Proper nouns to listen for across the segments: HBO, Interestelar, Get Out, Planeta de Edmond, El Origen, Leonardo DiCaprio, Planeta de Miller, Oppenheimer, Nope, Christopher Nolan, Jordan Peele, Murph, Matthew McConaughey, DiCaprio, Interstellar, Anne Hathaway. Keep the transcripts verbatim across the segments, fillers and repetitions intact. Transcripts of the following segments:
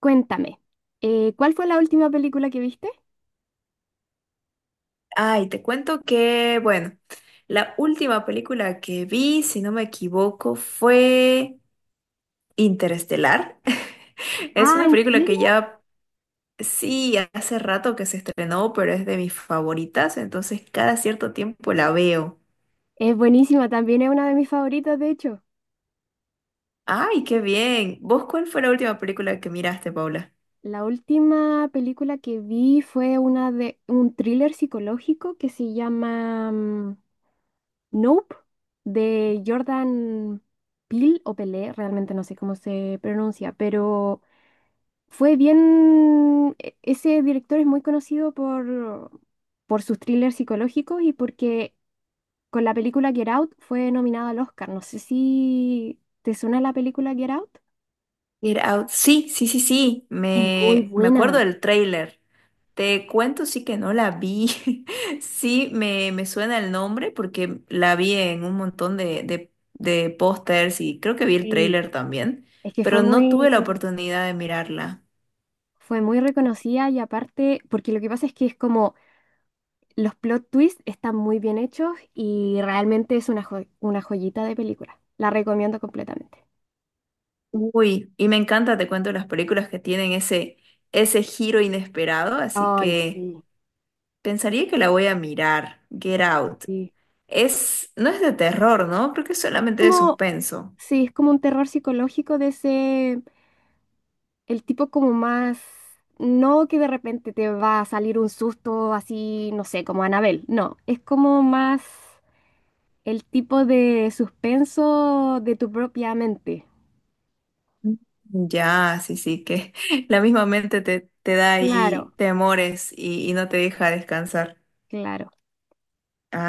Cuéntame, eh, ¿cuál fue la última película que viste? Ay, te cuento que, bueno, la última película que vi, si no me equivoco, fue Interestelar. Es Ah, una ¿en película que serio? ya, sí, hace rato que se estrenó, pero es de mis favoritas, entonces cada cierto tiempo la veo. Es buenísima, también es una de mis favoritas, de hecho. Ay, qué bien. ¿Vos cuál fue la última película que miraste, Paula? La última película que vi fue una de un thriller psicológico que se llama mm, Nope, de Jordan Peele o Pelé, realmente no sé cómo se pronuncia, pero fue bien. e- Ese director es muy conocido por, por sus thrillers psicológicos y porque con la película Get Out fue nominada al Oscar. No sé si te suena la película Get Out. Get Out. Sí, sí, sí, sí. Es muy Me, me acuerdo buena. del tráiler. Te cuento, sí que no la vi. Sí, me, me suena el nombre porque la vi en un montón de, de, de pósters y creo que vi el Sí. tráiler también, Es que fue pero no tuve la muy, oportunidad de mirarla. fue muy reconocida y aparte, porque lo que pasa es que es como los plot twists están muy bien hechos y realmente es una, jo- una joyita de película. La recomiendo completamente. Uy, y me encanta, te cuento, las películas que tienen ese, ese giro inesperado, así Ay, que sí, pensaría que la voy a mirar. Get Out. sí. Es, no es de terror, ¿no? Creo que es solamente de Como, suspenso. sí, es como un terror psicológico de ese. El tipo como más, no que de repente te va a salir un susto así, no sé, como Anabel, no, es como más el tipo de suspenso de tu propia mente. Ya, sí, sí, que la misma mente te, te da ahí Claro. temores y, y no te deja descansar. Claro.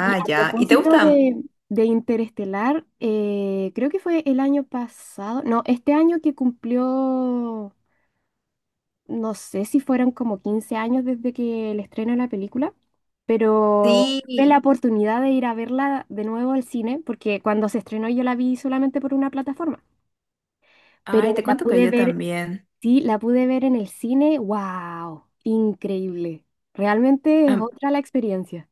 Y a ya. ¿Y te propósito gusta? de, De Interestelar, eh, creo que fue el año pasado, no, este año que cumplió, no sé si fueron como quince años desde que el estreno de la película, pero tuve la Sí. oportunidad de ir a verla de nuevo al cine, porque cuando se estrenó yo la vi solamente por una plataforma, pero Ay, te la cuento que pude yo ver, también. sí, la pude ver en el cine, wow, increíble. Realmente es Am- otra la experiencia.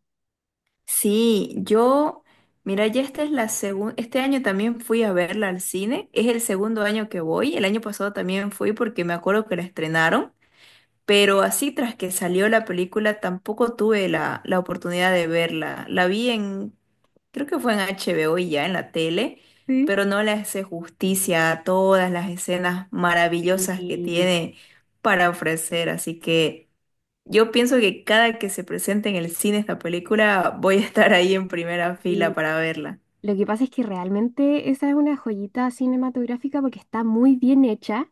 sí, yo, mira, ya esta es la segunda, este año también fui a verla al cine, es el segundo año que voy, el año pasado también fui porque me acuerdo que la estrenaron. Pero así tras que salió la película tampoco tuve la, la oportunidad de verla. La vi en, creo que fue en H B O y ya en la tele, Sí. pero no le hace justicia a todas las escenas maravillosas que Y, tiene para ofrecer. Así que yo pienso que cada que se presente en el cine esta película voy a estar ahí en primera fila y para verla. lo que pasa es que realmente esa es una joyita cinematográfica porque está muy bien hecha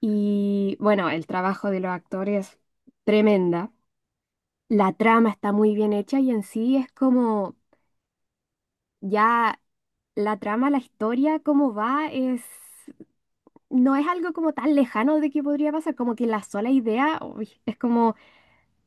y bueno, el trabajo de los actores tremenda. La trama está muy bien hecha y en sí es como ya la trama, la historia, cómo va, es, no es algo como tan lejano de que podría pasar, como que la sola idea uy, es como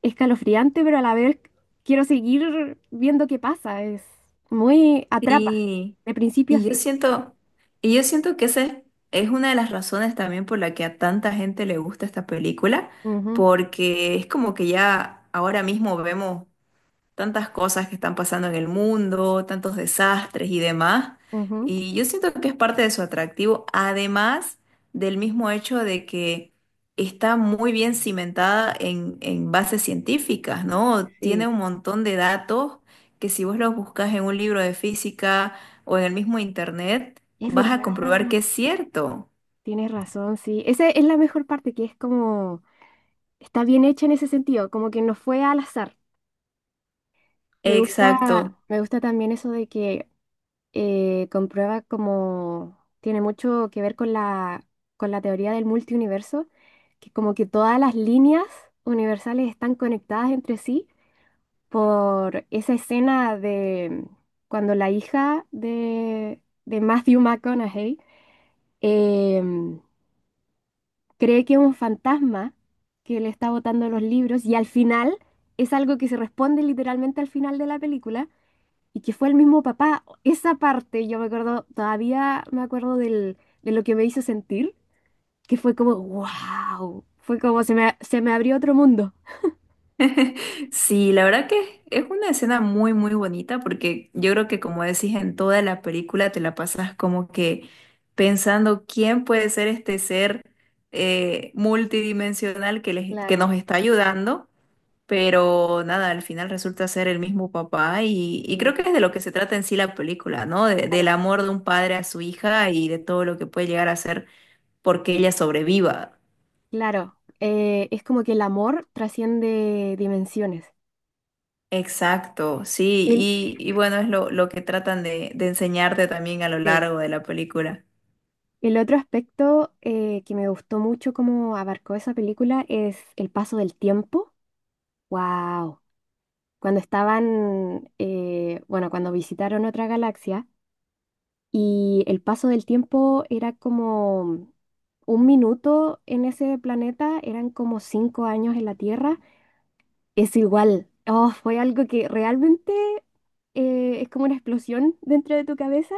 escalofriante, pero a la vez quiero seguir viendo qué pasa, es muy atrapa, Sí, de principio a y yo fin. siento, y yo siento que esa es es una de las razones también por la que a tanta gente le gusta esta película, porque es como que ya ahora mismo vemos tantas cosas que están pasando en el mundo, tantos desastres y demás. Ujú, ujú, Y yo siento que es parte de su atractivo, además del mismo hecho de que está muy bien cimentada en, en bases científicas, ¿no? Tiene sí, un montón de datos que si vos los buscas en un libro de física o en el mismo internet, es vas a verdad, comprobar que es cierto. tienes razón, sí. Esa es la mejor parte, que es como está bien hecha en ese sentido, como que no fue al azar. Me gusta, Exacto. me gusta también eso de que eh, comprueba como tiene mucho que ver con la, con la, teoría del multiuniverso, que como que todas las líneas universales están conectadas entre sí por esa escena de cuando la hija de, de Matthew McConaughey, em, cree que es un fantasma que le está botando los libros y al final es algo que se responde literalmente al final de la película y que fue el mismo papá. Esa parte, yo me acuerdo, todavía me acuerdo del, de lo que me hizo sentir, que fue como wow, fue como se me, se me abrió otro mundo. Sí, la verdad que es una escena muy, muy bonita porque yo creo que como decís en toda la película te la pasas como que pensando quién puede ser este ser eh, multidimensional que, les- que Claro, nos está ayudando, pero nada, al final resulta ser el mismo papá y, y creo que sí, es de lo que se trata en sí la película, ¿no? De- del claro, amor de un padre a su hija y de todo lo que puede llegar a ser porque ella sobreviva. claro. Eh, es como que el amor trasciende dimensiones. Exacto, sí, El, y, y bueno, es lo, lo que tratan de, de enseñarte también a lo sí. largo de la película. El otro aspecto eh, que me gustó mucho como abarcó esa película es el paso del tiempo. Wow. Cuando estaban, eh, bueno, cuando visitaron otra galaxia, y el paso del tiempo era como un minuto en ese planeta, eran como cinco años en la Tierra. Es igual. Oh, fue algo que realmente, eh, es como una explosión dentro de tu cabeza.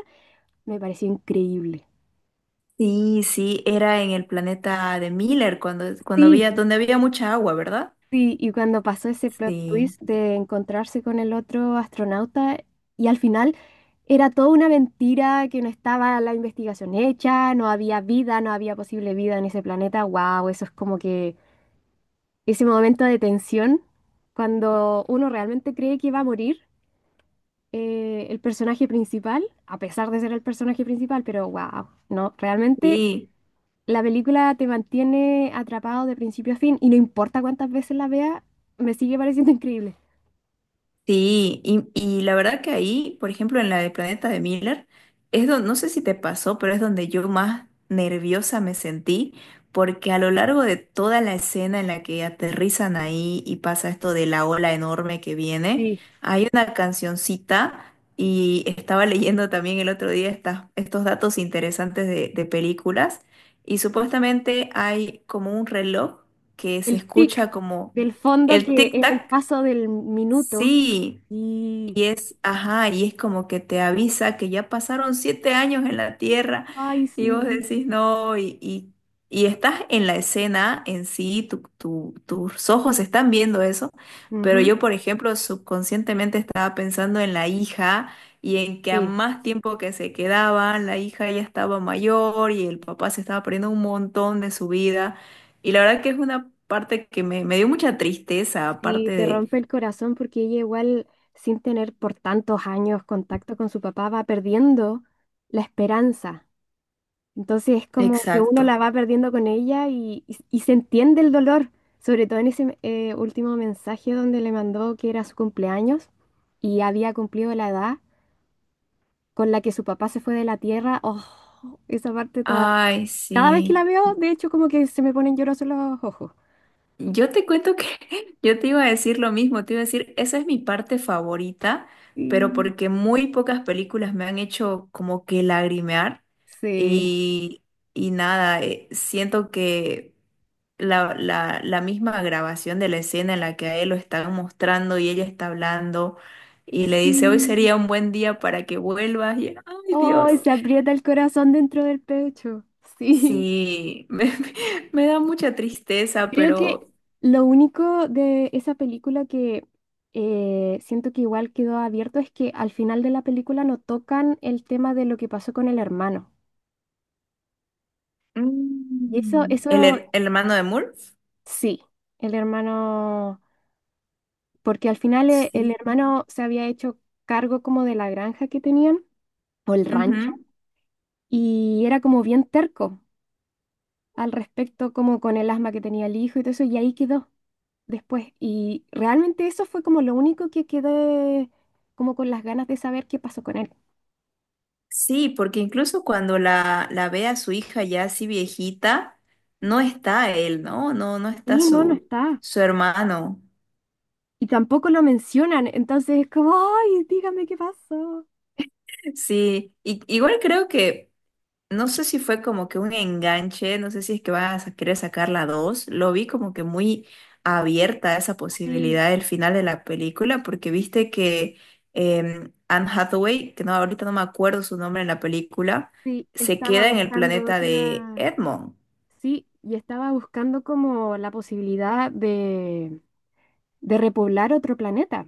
Me pareció increíble. Sí, sí, era en el planeta de Miller, cuando, cuando había, Sí. donde había mucha agua, ¿verdad? Sí, y cuando pasó ese plot Sí, twist de encontrarse con el otro astronauta y al final era toda una mentira, que no estaba la investigación hecha, no había vida, no había posible vida en ese planeta, wow, eso es como que ese momento de tensión, cuando uno realmente cree que va a morir, eh, el personaje principal, a pesar de ser el personaje principal, pero wow, no, realmente sí. la película te mantiene atrapado de principio a fin y no importa cuántas veces la vea, me sigue pareciendo increíble. Sí, y, y la verdad que ahí, por ejemplo, en la de Planeta de Miller, es donde, no sé si te pasó, pero es donde yo más nerviosa me sentí, porque a lo largo de toda la escena en la que aterrizan ahí y pasa esto de la ola enorme que viene, Sí, hay una cancioncita y estaba leyendo también el otro día estas- estos datos interesantes de, de películas y supuestamente hay como un reloj que se el tic escucha como del fondo el que es el tic-tac. paso del minuto. Sí, Y y es, ajá, y es como que te avisa que ya pasaron siete años en la Tierra ay, y vos sí. decís no, y, y, y estás en la escena en sí, tu- tu- tus ojos están viendo eso, pero Ujú. yo, por ejemplo, subconscientemente estaba pensando en la hija y en que a Sí. más tiempo que se quedaban, la hija ya estaba mayor y el papá se estaba perdiendo un montón de su vida. Y la verdad que es una parte que me, me dio mucha tristeza, aparte Sí, te de... rompe el corazón porque ella igual, sin tener por tantos años contacto con su papá, va perdiendo la esperanza. Entonces es como que uno Exacto. la va perdiendo con ella y, y- y se entiende el dolor, sobre todo en ese eh, último mensaje donde le mandó que era su cumpleaños y había cumplido la edad con la que su papá se fue de la tierra. Oh, esa parte toda. Ay, Cada vez que sí. la veo, de hecho, como que se me ponen llorosos los ojos. Yo te cuento que yo te iba a decir lo mismo, te iba a decir, esa es mi parte favorita, pero Sí, porque muy pocas películas me han hecho como que lagrimear sí. y, y nada, eh, siento que la, la, la misma grabación de la escena en la que a él lo están mostrando y ella está hablando y le dice, hoy Sí. sería un buen día para que vuelvas y, ay, Ay, Dios. se aprieta el corazón dentro del pecho. Sí. Sí, me, me da mucha tristeza, Creo que pero... lo único de esa película que eh, siento que igual quedó abierto es que al final de la película no tocan el tema de lo que pasó con el hermano. Y eso, Mm, ¿el, eso her- el hermano de Murph? sí, el hermano, porque al final, eh, el Sí. hermano se había hecho cargo como de la granja que tenían, o el rancho, Ujú. y era como bien terco al respecto, como con el asma que tenía el hijo y todo eso, y ahí quedó después. Y realmente eso fue como lo único que quedé como con las ganas de saber qué pasó con él. Sí, porque incluso cuando la, la ve a su hija ya así viejita, no está él, ¿no? No, no está Sí, no, no su, está. su hermano. Y tampoco lo mencionan, entonces es como, ay, dígame qué pasó. Sí, y, igual creo que no sé si fue como que un enganche, no sé si es que vas a querer sacar la dos. Lo vi como que muy abierta a esa Sí, posibilidad del final de la película, porque viste que em, Anne Hathaway, que no, ahorita no me acuerdo su nombre en la película, sí, se estaba queda en el buscando planeta de otra, Edmond. sí, y estaba buscando como la posibilidad de, de repoblar otro planeta.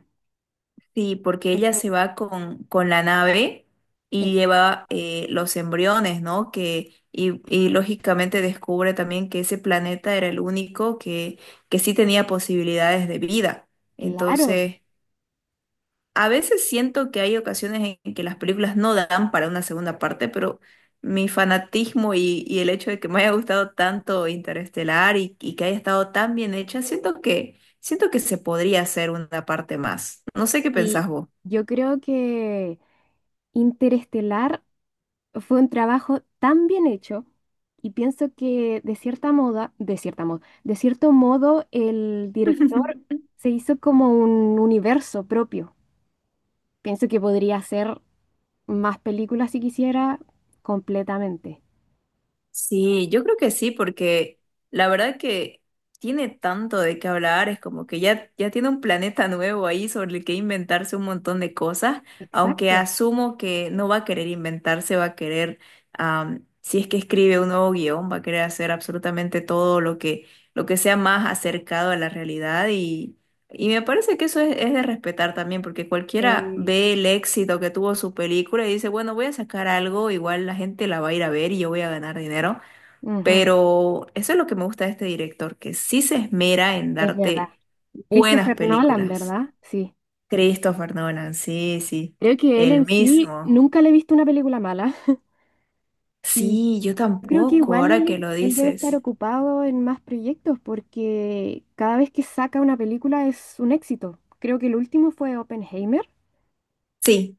Sí, porque ella Entonces, se va con, con la nave y exacto, lleva eh, los embriones, ¿no? Que, y, y lógicamente descubre también que ese planeta era el único que, que sí tenía posibilidades de vida. claro. Entonces, a veces siento que hay ocasiones en que las películas no dan para una segunda parte, pero mi fanatismo y, y el hecho de que me haya gustado tanto Interestelar y, y que haya estado tan bien hecha, siento que, siento que se podría hacer una parte más. No sé qué pensás Y vos. yo creo que Interestelar fue un trabajo tan bien hecho y pienso que de cierta moda, de cierta moda, de cierto modo el director se hizo como un universo propio. Pienso que podría hacer más películas si quisiera completamente. Sí, yo creo que sí, porque la verdad que tiene tanto de qué hablar, es como que ya, ya tiene un planeta nuevo ahí sobre el que inventarse un montón de cosas, aunque Exacto. asumo que no va a querer inventarse, va a querer, am, si es que escribe un nuevo guión, va a querer hacer absolutamente todo lo que, lo que sea más acercado a la realidad. Y me parece que eso es, es de respetar también, porque cualquiera Eh, ve el éxito que tuvo su película y dice, bueno, voy a sacar algo, igual la gente la va a ir a ver y yo voy a ganar dinero. Ujú, Pero eso es lo que me gusta de este director, que sí se esmera en es verdad. darte buenas Christopher Nolan, películas. ¿verdad? Sí. Christopher Nolan, sí, sí, Creo que él el en sí mismo. nunca le he visto una película mala. Sí, yo Yo creo que tampoco, igual ahora que él, lo él debe estar dices. ocupado en más proyectos porque cada vez que saca una película es un éxito. Creo que el último fue Oppenheimer. Sí.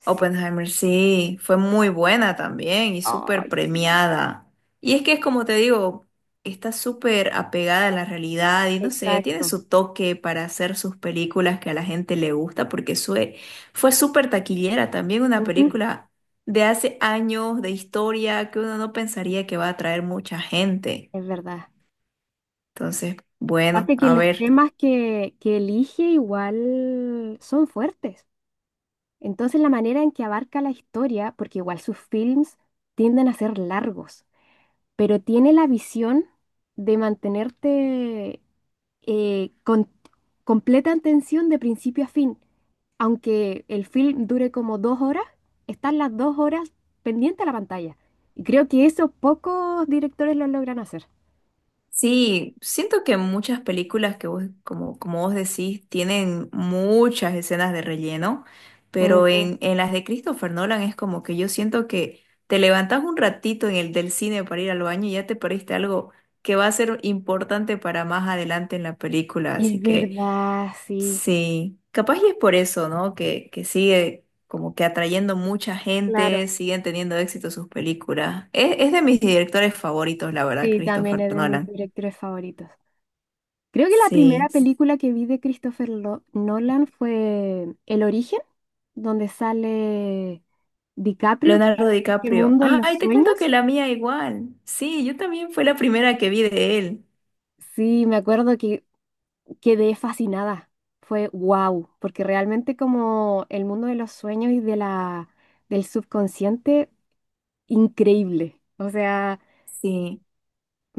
Sí. Oppenheimer, sí, fue muy buena también y súper Ay, sí. premiada. Y es que es como te digo, está súper apegada a la realidad y no sé, tiene Exacto. su toque para hacer sus películas que a la gente le gusta porque sue- fue súper taquillera también una Ujú, película de hace años de historia que uno no pensaría que va a atraer mucha gente. es verdad. Entonces, bueno, Aparte que a los ver. temas que, que elige igual son fuertes. Entonces la manera en que abarca la historia, porque igual sus films tienden a ser largos, pero tiene la visión de mantenerte, eh, con completa atención de principio a fin. Aunque el film dure como dos horas, están las dos horas pendiente a la pantalla. Y creo que eso pocos directores lo logran hacer. Sí, siento que muchas películas que vos, como, como vos decís, tienen muchas escenas de relleno, pero Ujú. en, en las de Christopher Nolan es como que yo siento que te levantás un ratito en el del cine para ir al baño y ya te perdiste algo que va a ser importante para más adelante en la película, Es así que verdad, sí, sí, capaz y es por eso, ¿no? Que, que sigue como que atrayendo mucha gente, claro. siguen teniendo éxito sus películas. Es, es de mis directores favoritos, la verdad, Sí, también Christopher es de mis Nolan. directores favoritos. Creo que la primera Sí, película que vi de Christopher Lo- Nolan fue El Origen, donde sale DiCaprio, que- Leonardo es este DiCaprio. mundo en los Ay, te cuento que sueños. la mía igual. Sí, yo también fue la primera que vi de él. Sí, me acuerdo que quedé fascinada. Fue wow, porque realmente como el mundo de los sueños y de la, del subconsciente, increíble. O sea, Sí,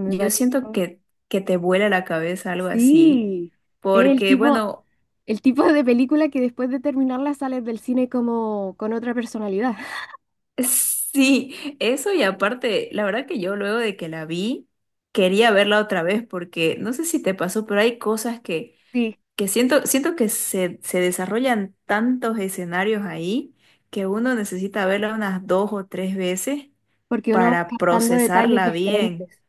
me yo siento pareció. que, que te vuela la cabeza algo así, Sí, es el porque tipo, bueno, el tipo de película que después de terminarla sales del cine como con otra personalidad. sí, eso y aparte, la verdad que yo luego de que la vi, quería verla otra vez, porque no sé si te pasó, pero hay cosas que Sí, que siento, siento que se, se desarrollan tantos escenarios ahí que uno necesita verla unas dos o tres veces porque uno va para captando detalles procesarla bien. diferentes,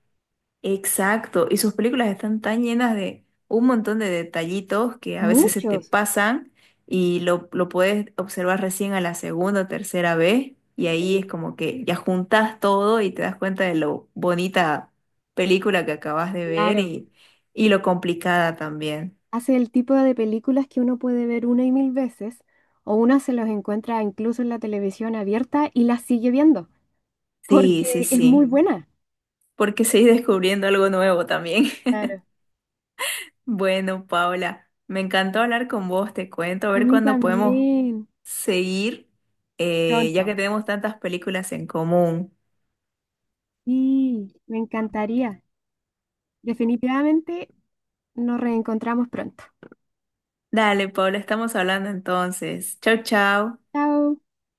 Exacto. Y sus películas están tan llenas de un montón de detallitos que a veces se te muchos. pasan y lo, lo puedes observar recién a la segunda o tercera vez. Y ahí Sí. es como que ya juntas todo y te das cuenta de lo bonita película que acabas de ver Claro. y, y lo complicada también. Hace el tipo de películas que uno puede ver una y mil veces, o una se los encuentra incluso en la televisión abierta y las sigue viendo, Sí, sí, porque es muy sí, buena. porque seguí descubriendo algo nuevo también. Claro. Bueno, Paula, me encantó hablar con vos, te cuento, a A ver mí cuándo podemos también, seguir, eh, ya pronto. que tenemos tantas películas en común. Sí, me encantaría. Definitivamente nos reencontramos pronto. Dale, Paula, estamos hablando entonces. Chau, chau. Chao.